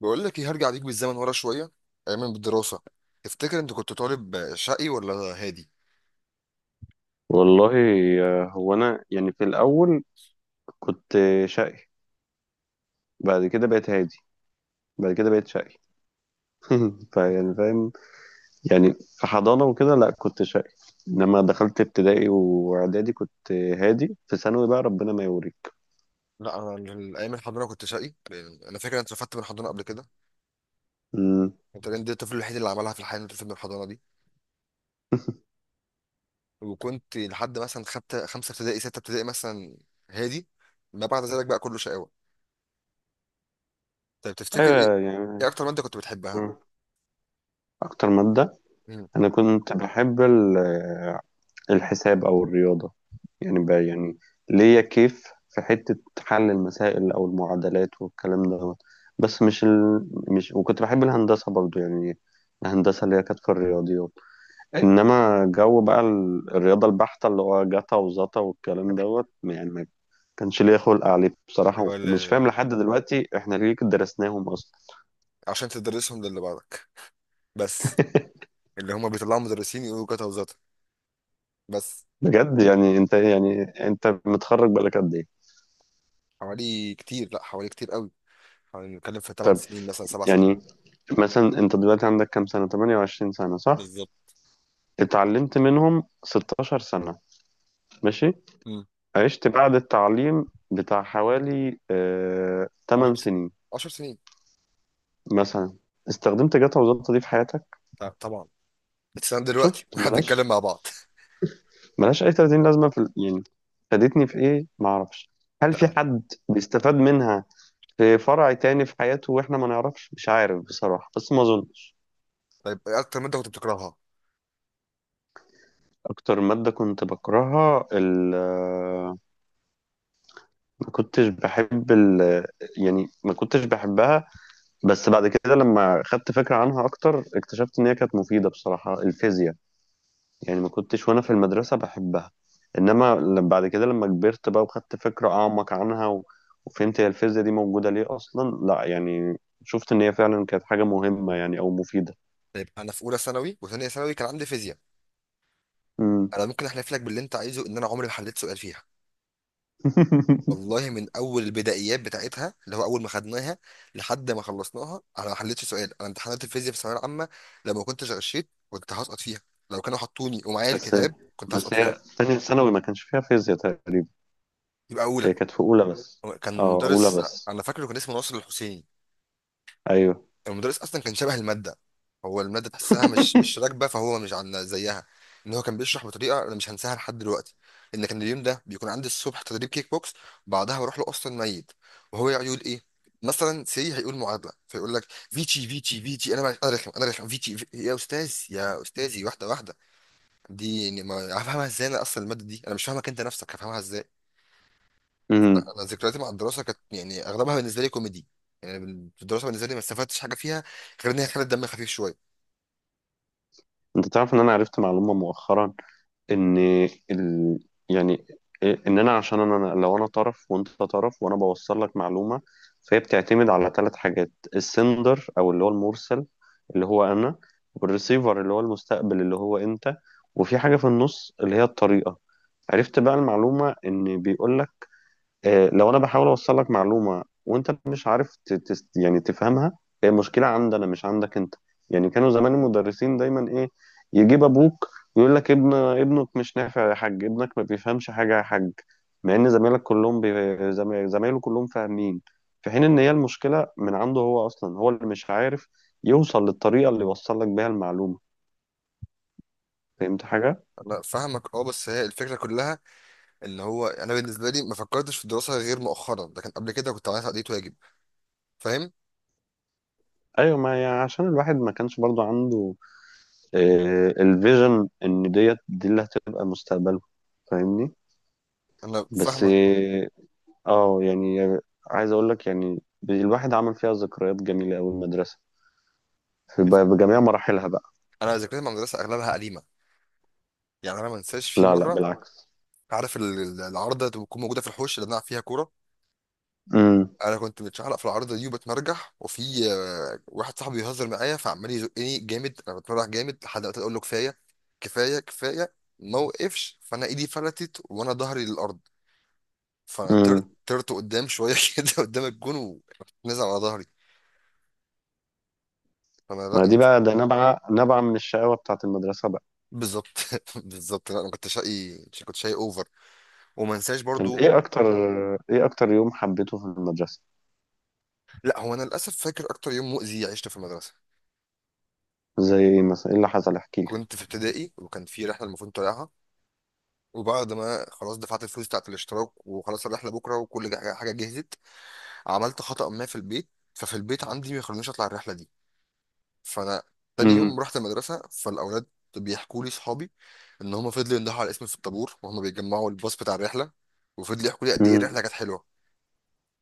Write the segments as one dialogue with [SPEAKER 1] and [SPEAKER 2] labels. [SPEAKER 1] بقول لك ايه، هرجع بيك بالزمن ورا شويه، ايام الدراسه. تفتكر انت كنت طالب شقي ولا هادي؟
[SPEAKER 2] والله، هو انا يعني في الاول كنت شقي. بعد كده بقيت هادي. بعد كده بقيت شقي. فيعني فاهم. يعني في حضانة وكده لا كنت شقي. لما دخلت ابتدائي واعدادي كنت هادي. في ثانوي بقى ربنا ما يوريك.
[SPEAKER 1] لا، انا ايام الحضانه كنت شقي، لأن انا فاكر انت رفدت من الحضانه قبل كده.
[SPEAKER 2] مم.
[SPEAKER 1] انت كنت الطفل الوحيد اللي عملها في الحياه انت من الحضانه دي. وكنت لحد مثلا خمسه ابتدائي، سته ابتدائي مثلا، هادي. ما بعد ذلك بقى كله شقاوه. طيب تفتكر ايه؟
[SPEAKER 2] ايوه
[SPEAKER 1] ايه
[SPEAKER 2] يعني.
[SPEAKER 1] اكتر ماده كنت بتحبها؟
[SPEAKER 2] مم. اكتر مادة
[SPEAKER 1] مم.
[SPEAKER 2] انا كنت بحب الحساب أو الرياضة. يعني بقى يعني ليا كيف في حتة حل المسائل أو المعادلات والكلام ده. بس مش وكنت بحب الهندسة برضو يعني. الهندسة اللي هي كانت في الرياضيات. إنما جو بقى الرياضة البحتة اللي هو جتا وزتا والكلام دوت يعني ما كانش ليا خلق عليه
[SPEAKER 1] اللي
[SPEAKER 2] بصراحة.
[SPEAKER 1] هو
[SPEAKER 2] ومش فاهم
[SPEAKER 1] ال-
[SPEAKER 2] لحد دلوقتي إحنا ليه كده درسناهم أصلا.
[SPEAKER 1] عشان تدرسهم للي بعدك بس. اللي هم بيطلعوا مدرسين يقولوا كده وزاته بس.
[SPEAKER 2] بجد يعني أنت متخرج بقالك قد إيه؟
[SPEAKER 1] حوالي كتير، لا حوالي كتير قوي. يعني بنتكلم في 8
[SPEAKER 2] طب
[SPEAKER 1] سنين مثلا 7 سنين.
[SPEAKER 2] يعني مثلا انت دلوقتي عندك كام سنة؟ 28 سنة، صح؟
[SPEAKER 1] بالظبط.
[SPEAKER 2] اتعلمت منهم 16 سنة، ماشي.
[SPEAKER 1] مم.
[SPEAKER 2] عشت بعد التعليم بتاع حوالي
[SPEAKER 1] 10
[SPEAKER 2] 8
[SPEAKER 1] سنين،
[SPEAKER 2] سنين
[SPEAKER 1] 10 سنين.
[SPEAKER 2] مثلا. استخدمت جاتا وزلطة دي في حياتك؟
[SPEAKER 1] طبعا. بتسلم دلوقتي
[SPEAKER 2] شفت،
[SPEAKER 1] واحنا بنتكلم
[SPEAKER 2] ملاش.
[SPEAKER 1] مع بعض
[SPEAKER 2] ملاش اي 30 لازمة في يعني، فادتني في ايه معرفش. هل في
[SPEAKER 1] لا.
[SPEAKER 2] حد بيستفاد منها في فرع تاني في حياته واحنا ما نعرفش؟ مش عارف بصراحة بس ما اظنش.
[SPEAKER 1] طيب، إيه اكتر ماده كنت بتكرهها؟
[SPEAKER 2] اكتر مادة كنت بكرهها ما كنتش بحب يعني ما كنتش بحبها. بس بعد كده لما خدت فكرة عنها أكتر، اكتشفت إن هي كانت مفيدة بصراحة، الفيزياء. يعني ما كنتش وأنا في المدرسة بحبها. إنما بعد كده لما كبرت بقى وخدت فكرة أعمق عنها وفهمت هي الفيزياء دي موجودة ليه أصلا، لا يعني. شفت إن هي فعلا كانت حاجة مهمة يعني أو مفيدة.
[SPEAKER 1] طيب، انا في اولى ثانوي وثانيه ثانوي كان عندي فيزياء.
[SPEAKER 2] مم.
[SPEAKER 1] انا ممكن احلف لك باللي انت عايزه ان انا عمري ما حليت سؤال فيها. والله من اول البدائيات بتاعتها اللي هو اول ما خدناها لحد ما خلصناها انا ما حليتش سؤال. انا امتحانات الفيزياء في الثانويه العامه لو ما كنتش غشيت كنت هسقط فيها. لو كانوا حطوني ومعايا
[SPEAKER 2] بس
[SPEAKER 1] الكتاب كنت
[SPEAKER 2] بس
[SPEAKER 1] هسقط
[SPEAKER 2] هي
[SPEAKER 1] فيها.
[SPEAKER 2] تانية ثانوي ما كانش فيها فيزياء تقريبا.
[SPEAKER 1] يبقى اولى.
[SPEAKER 2] هي كانت في أولى بس.
[SPEAKER 1] هو كان
[SPEAKER 2] أه، أولى
[SPEAKER 1] مدرس،
[SPEAKER 2] بس.
[SPEAKER 1] انا فاكره كان اسمه ناصر الحسيني.
[SPEAKER 2] أيوه.
[SPEAKER 1] المدرس اصلا كان شبه الماده. هو الماده تحسها مش راكبه، فهو مش عن زيها. ان هو كان بيشرح بطريقه انا مش هنساها لحد دلوقتي. ان كان اليوم ده بيكون عندي الصبح تدريب كيك بوكس، بعدها بروح له اصلا ميت، وهو يقعد يقول ايه، مثلا سي هيقول معادله فيقول لك فيتشي، انا رخم فيتشي في... يا استاذ يا استاذي، واحده. دي يعني ما هفهمها ازاي؟ انا اصلا الماده دي انا مش فاهمك انت نفسك، هفهمها ازاي؟ انا ذكرياتي مع الدراسه كانت يعني اغلبها بالنسبه لي كوميدي. يعني في الدراسه بالنسبه لي ما استفدتش حاجه فيها غير ان هي خلت دمي خفيف شويه.
[SPEAKER 2] انت تعرف ان انا عرفت معلومة مؤخرا؟ ان ال... يعني إيه، ان انا عشان انا لو انا طرف وانت طرف وانا بوصل لك معلومة، فهي بتعتمد على ثلاث حاجات: السندر او اللي هو المرسل، اللي هو انا، والريسيفر اللي هو المستقبل اللي هو انت، وفي حاجة في النص اللي هي الطريقة. عرفت بقى المعلومة، ان بيقول لو انا بحاول اوصل لك معلومه وانت مش عارف يعني تفهمها، هي مشكله عندنا مش عندك انت. يعني كانوا زمان المدرسين دايما ايه؟ يجيب ابوك يقول لك ابنك مش نافع يا حاج، ابنك ما بيفهمش حاجه يا حاج. مع ان زمايلك كلهم زمايله كلهم فاهمين، في حين ان هي المشكله من عنده هو اصلا، هو اللي مش عارف يوصل للطريقه اللي يوصل لك بيها المعلومه. فهمت حاجه؟
[SPEAKER 1] انا فاهمك اه، بس هي الفكره كلها اللي هو انا بالنسبه لي ما فكرتش في الدراسه غير مؤخرا، لكن قبل كده كنت عملت تقضية واجب. فاهم.
[SPEAKER 2] ايوه ما يعني، عشان الواحد ما كانش برضو عنده الفيجن ان ديت دي اللي هتبقى مستقبله. فاهمني؟
[SPEAKER 1] انا
[SPEAKER 2] بس
[SPEAKER 1] فاهمك اه.
[SPEAKER 2] يعني، عايز اقول لك يعني، الواحد عمل فيها ذكريات جميله قوي المدرسه في بجميع مراحلها بقى.
[SPEAKER 1] انا ذاكرتي مع المدرسه اغلبها قديمه. يعني انا ما انساش في
[SPEAKER 2] لا لا،
[SPEAKER 1] مره،
[SPEAKER 2] بالعكس.
[SPEAKER 1] عارف العارضه اللي بتكون موجوده في الحوش اللي بنلعب فيها كوره؟
[SPEAKER 2] امم،
[SPEAKER 1] انا كنت متشعلق في العارضه دي وبتمرجح، وفي واحد صاحبي بيهزر معايا فعمال يزقني جامد، انا بتمرجح جامد لحد ما اقول له كفايه كفايه كفايه، ما وقفش، فانا ايدي فلتت وانا ظهري للارض. فانا طرت
[SPEAKER 2] امم،
[SPEAKER 1] طرت قدام شويه كده قدام الجون، ونزل على ظهري. فانا لا
[SPEAKER 2] ما دي
[SPEAKER 1] نزل.
[SPEAKER 2] بقى ده نبع من الشقاوه بتاعت المدرسه بقى.
[SPEAKER 1] بالظبط بالظبط. لا انا كنت شقي، كنت شقي اوفر. وما انساش
[SPEAKER 2] طب
[SPEAKER 1] برضو.
[SPEAKER 2] ايه اكتر، يوم حبيته في المدرسه؟
[SPEAKER 1] لا هو انا للاسف فاكر اكتر يوم مؤذي عشته في المدرسه.
[SPEAKER 2] زي ايه مثلا؟ ايه اللي حصل؟ احكي لي.
[SPEAKER 1] كنت في ابتدائي وكان في رحله المفروض طالعها، وبعد ما خلاص دفعت الفلوس بتاعت الاشتراك وخلاص الرحله بكره وكل حاجة جهزت، عملت خطأ ما في البيت، ففي البيت عندي ما يخلونيش اطلع الرحله دي. فانا تاني يوم
[SPEAKER 2] امم،
[SPEAKER 1] رحت المدرسه فالاولاد بيحكوا لي صحابي ان هم فضلوا يندهوا على اسمي في الطابور وهم بيجمعوا الباص بتاع الرحله، وفضلوا يحكوا لي قد ايه
[SPEAKER 2] امم.
[SPEAKER 1] الرحله كانت حلوه.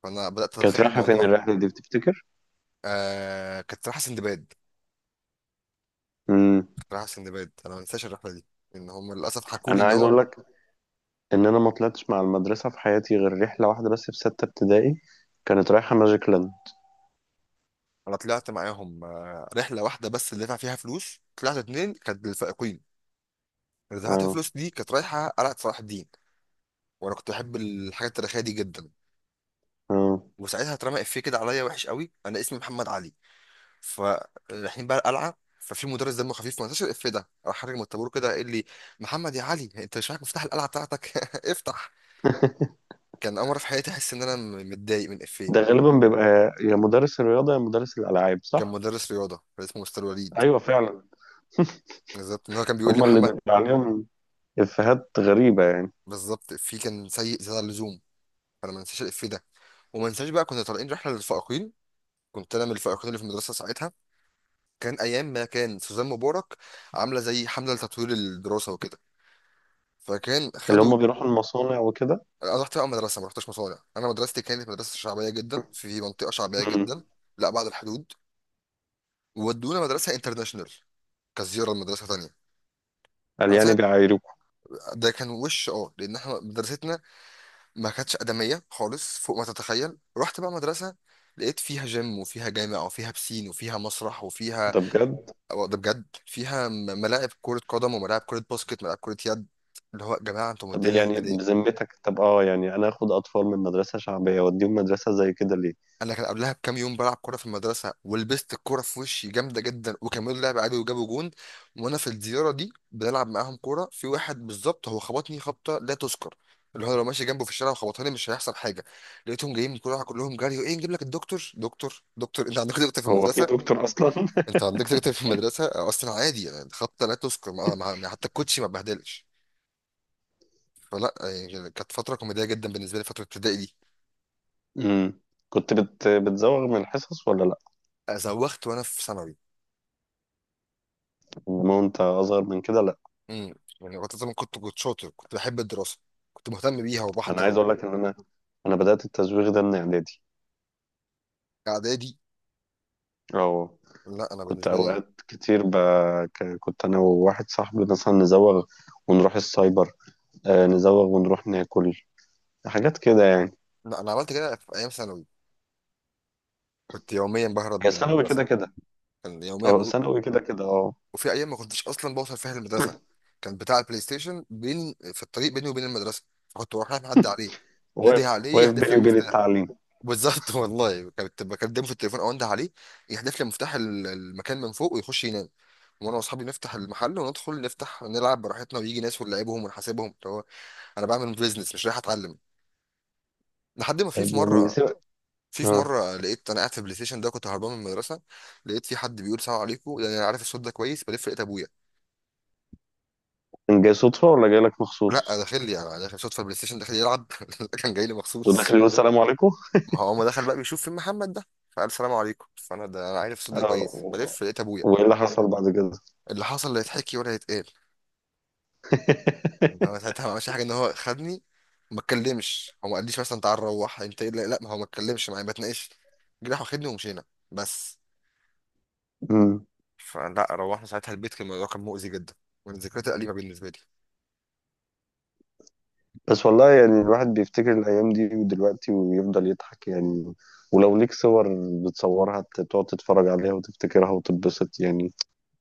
[SPEAKER 1] فانا بدات
[SPEAKER 2] كانت
[SPEAKER 1] اتخيل
[SPEAKER 2] رايحه فين
[SPEAKER 1] الموضوع.
[SPEAKER 2] الرحله دي بتفتكر؟
[SPEAKER 1] آه كانت رايحه سندباد.
[SPEAKER 2] امم.
[SPEAKER 1] كانت رايحه سندباد، انا ما انساش الرحله دي. ان هم للاسف حكوا لي
[SPEAKER 2] انا
[SPEAKER 1] ان
[SPEAKER 2] عايز
[SPEAKER 1] هو.
[SPEAKER 2] اقول لك ان انا ما طلعتش مع المدرسه في حياتي غير رحله واحده بس، في سته ابتدائي. كانت رايحه ماجيك لاند.
[SPEAKER 1] انا طلعت معاهم آه رحله واحده بس اللي دفع فيها فلوس، طلعت اتنين كانت للفائقين. اللي دفعت فيها
[SPEAKER 2] اه،
[SPEAKER 1] فلوس دي كانت رايحه قلعه صلاح الدين، وانا كنت بحب الحاجات التاريخيه دي جدا.
[SPEAKER 2] اه.
[SPEAKER 1] وساعتها اترمى افيه كده عليا وحش قوي. انا اسمي محمد علي، فرايحين بقى القلعه، ففي مدرس دمه خفيف ما نساش الإف ده، راح خارج من الطابور كده قال لي محمد يا علي، انت مش معاك مفتاح القلعه بتاعتك؟ افتح. كان اول مره في حياتي احس ان انا متضايق من
[SPEAKER 2] ده
[SPEAKER 1] إفيه.
[SPEAKER 2] غالبا بيبقى يا مدرس الرياضه يا مدرس الالعاب،
[SPEAKER 1] كان
[SPEAKER 2] صح؟
[SPEAKER 1] مدرس رياضه كان اسمه مستر وليد.
[SPEAKER 2] ايوه فعلا.
[SPEAKER 1] بالظبط، ان هو كان بيقول لي
[SPEAKER 2] هما اللي
[SPEAKER 1] محمد.
[SPEAKER 2] بيبقى عليهم افيهات غريبه يعني.
[SPEAKER 1] بالظبط، إفيه كان سيء زياده عن اللزوم. فانا ما نساش الإف ده. وما نساش بقى كنا طالعين رحله للفائقين. كنت انا من الفائقين اللي في المدرسه ساعتها. كان ايام ما كان سوزان مبارك عامله زي حمله لتطوير الدراسه وكده، فكان
[SPEAKER 2] اللي
[SPEAKER 1] خدوا.
[SPEAKER 2] هما بيروحوا المصانع وكده.
[SPEAKER 1] انا رحت بقى مدرسه، ما رحتش مصانع. انا مدرستي كانت مدرسه شعبيه جدا في منطقه شعبيه
[SPEAKER 2] مم.
[SPEAKER 1] جدا، لا بعد الحدود. وودونا مدرسه انترناشونال كزياره لمدرسه تانية.
[SPEAKER 2] قال
[SPEAKER 1] انا
[SPEAKER 2] يعني
[SPEAKER 1] ساعت،
[SPEAKER 2] بيعايروكوا.
[SPEAKER 1] ده كان وش اه، لان احنا مدرستنا ما كانتش ادميه خالص فوق ما تتخيل. رحت بقى مدرسه لقيت فيها جيم وفيها جامع وفيها بسين وفيها مسرح وفيها،
[SPEAKER 2] ده بجد؟
[SPEAKER 1] أو ده بجد، فيها ملاعب كره قدم وملاعب كره باسكت، ملاعب كره يد. اللي هو يا جماعه انتوا
[SPEAKER 2] طب
[SPEAKER 1] مدينا هنا
[SPEAKER 2] يعني
[SPEAKER 1] ليه؟
[SPEAKER 2] بذمتك، طب اه يعني انا اخد اطفال من مدرسه شعبيه واديهم مدرسه زي كده ليه؟
[SPEAKER 1] انا كان قبلها بكام يوم بلعب كوره في المدرسه ولبست الكوره في وشي جامده جدا، وكملوا لعب عادي وجابوا جون. وانا في الزياره دي بنلعب معاهم كوره في واحد بالظبط هو خبطني خبطه لا تذكر، اللي هو لو ماشي جنبه في الشارع وخبطها لي مش هيحصل حاجه. لقيتهم جايين من كل واحد كلهم جري ايه، نجيب لك الدكتور، دكتور دكتور، انت عندك دكتور في
[SPEAKER 2] هو في
[SPEAKER 1] المدرسه؟
[SPEAKER 2] دكتور اصلا؟
[SPEAKER 1] انت عندك دكتور في المدرسه؟ اصلا عادي يعني، خبطه لا تذكر، حتى الكوتشي ما بهدلش. فلا يعني كانت فتره كوميديه جدا بالنسبه لي فتره ابتدائي دي.
[SPEAKER 2] مم. كنت بتزوغ من الحصص ولا لا؟
[SPEAKER 1] زوخت وانا في ثانوي
[SPEAKER 2] انما وانت اصغر من كده؟
[SPEAKER 1] امم. يعني وقت زمان كنت شاطر، كنت بحب الدراسه، كنت مهتم بيها
[SPEAKER 2] انا
[SPEAKER 1] وبحضر
[SPEAKER 2] عايز اقول لك ان انا، انا بدات التزويغ ده من اعدادي.
[SPEAKER 1] اعدادي.
[SPEAKER 2] اه.
[SPEAKER 1] لا انا
[SPEAKER 2] كنت
[SPEAKER 1] بالنسبه لي.
[SPEAKER 2] اوقات كتير كنت انا وواحد صاحبي مثلا نزوغ، ونروح السايبر. نزوغ ونروح ناكل حاجات كده يعني.
[SPEAKER 1] لا انا عملت كده في ايام ثانوي. كنت يوميا بهرب
[SPEAKER 2] هي
[SPEAKER 1] من
[SPEAKER 2] ثانوي كده
[SPEAKER 1] المدرسه.
[SPEAKER 2] كده.
[SPEAKER 1] كان يوميا ب...
[SPEAKER 2] اه، ثانوي كده كده، اه.
[SPEAKER 1] وفي ايام ما كنتش اصلا بوصل فيها المدرسه. كان بتاع البلاي ستيشن بين في الطريق بيني وبين المدرسه، فكنت بروح رايح معدي عليه، نادي
[SPEAKER 2] واقف
[SPEAKER 1] عليه
[SPEAKER 2] واقف
[SPEAKER 1] يحدف
[SPEAKER 2] بيني
[SPEAKER 1] لي
[SPEAKER 2] وبين
[SPEAKER 1] المفتاح.
[SPEAKER 2] التعليم.
[SPEAKER 1] بالظبط والله كنت بكلمه في التليفون او انده عليه، يحدف لي مفتاح المكان من فوق ويخش ينام. وانا واصحابي نفتح المحل وندخل نفتح نلعب براحتنا ويجي ناس ونلعبهم ونحاسبهم. انا بعمل بيزنس مش رايح اتعلم. لحد ما في
[SPEAKER 2] يعني
[SPEAKER 1] مره، في
[SPEAKER 2] اه،
[SPEAKER 1] مره لقيت انا قاعد في البلاي ستيشن ده كنت هربان من المدرسه، لقيت في حد بيقول سلام عليكم، يعني انا عارف الصوت ده كويس، بلف لقيت ابويا.
[SPEAKER 2] كان جاي صدفه ولا جاي لك
[SPEAKER 1] لا
[SPEAKER 2] مخصوص؟
[SPEAKER 1] داخل لي، انا داخل صوت في البلاي ستيشن داخل يلعب كان جاي لي
[SPEAKER 2] وداخل
[SPEAKER 1] مخصوص.
[SPEAKER 2] يقول السلام عليكم؟
[SPEAKER 1] ما هو ما دخل بقى بيشوف فين محمد ده، فقال سلام عليكم، فانا ده انا عارف الصوت ده
[SPEAKER 2] اه،
[SPEAKER 1] كويس، بلف لقيت ابويا.
[SPEAKER 2] وايه اللي حصل بعد كده؟
[SPEAKER 1] اللي حصل لا يتحكي ولا يتقال. هو ساعتها ما عملش حاجه، ان هو خدني. ما اتكلمش، هو ما قاليش مثلا تعال روح انت إيه؟ لا لا، ما هو ما اتكلمش معايا ما اتناقش. جه راح واخدني ومشينا بس.
[SPEAKER 2] مم.
[SPEAKER 1] فلا روحنا ساعتها البيت، كان الموضوع كان مؤذي جدا، ومن ذكريات الأليمة بالنسبة لي.
[SPEAKER 2] بس والله يعني الواحد بيفتكر الأيام دي ودلوقتي ويفضل يضحك يعني. ولو ليك صور بتصورها تقعد تتفرج عليها وتفتكرها وتتبسط يعني.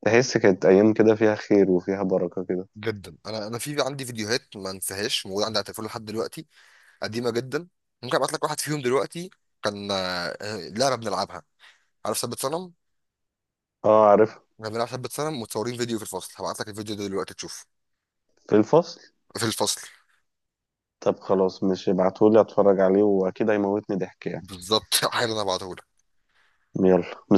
[SPEAKER 2] تحس كانت أيام كده فيها خير وفيها بركة كده.
[SPEAKER 1] جدا. انا انا في عندي فيديوهات ما انساهاش موجوده عندي على التليفون لحد دلوقتي، قديمه جدا. ممكن ابعت لك واحد فيهم دلوقتي. كان لعبه بنلعبها. عارف ثبت صنم؟
[SPEAKER 2] اه، عارف.
[SPEAKER 1] كنا بنلعب ثبت صنم متصورين فيديو في الفصل، هبعت لك الفيديو ده دلوقتي تشوفه.
[SPEAKER 2] في الفصل.
[SPEAKER 1] في الفصل.
[SPEAKER 2] طب خلاص، مش ابعتهولي اتفرج عليه واكيد هيموتني ضحك يعني.
[SPEAKER 1] بالظبط حالا انا هبعته.
[SPEAKER 2] يلا.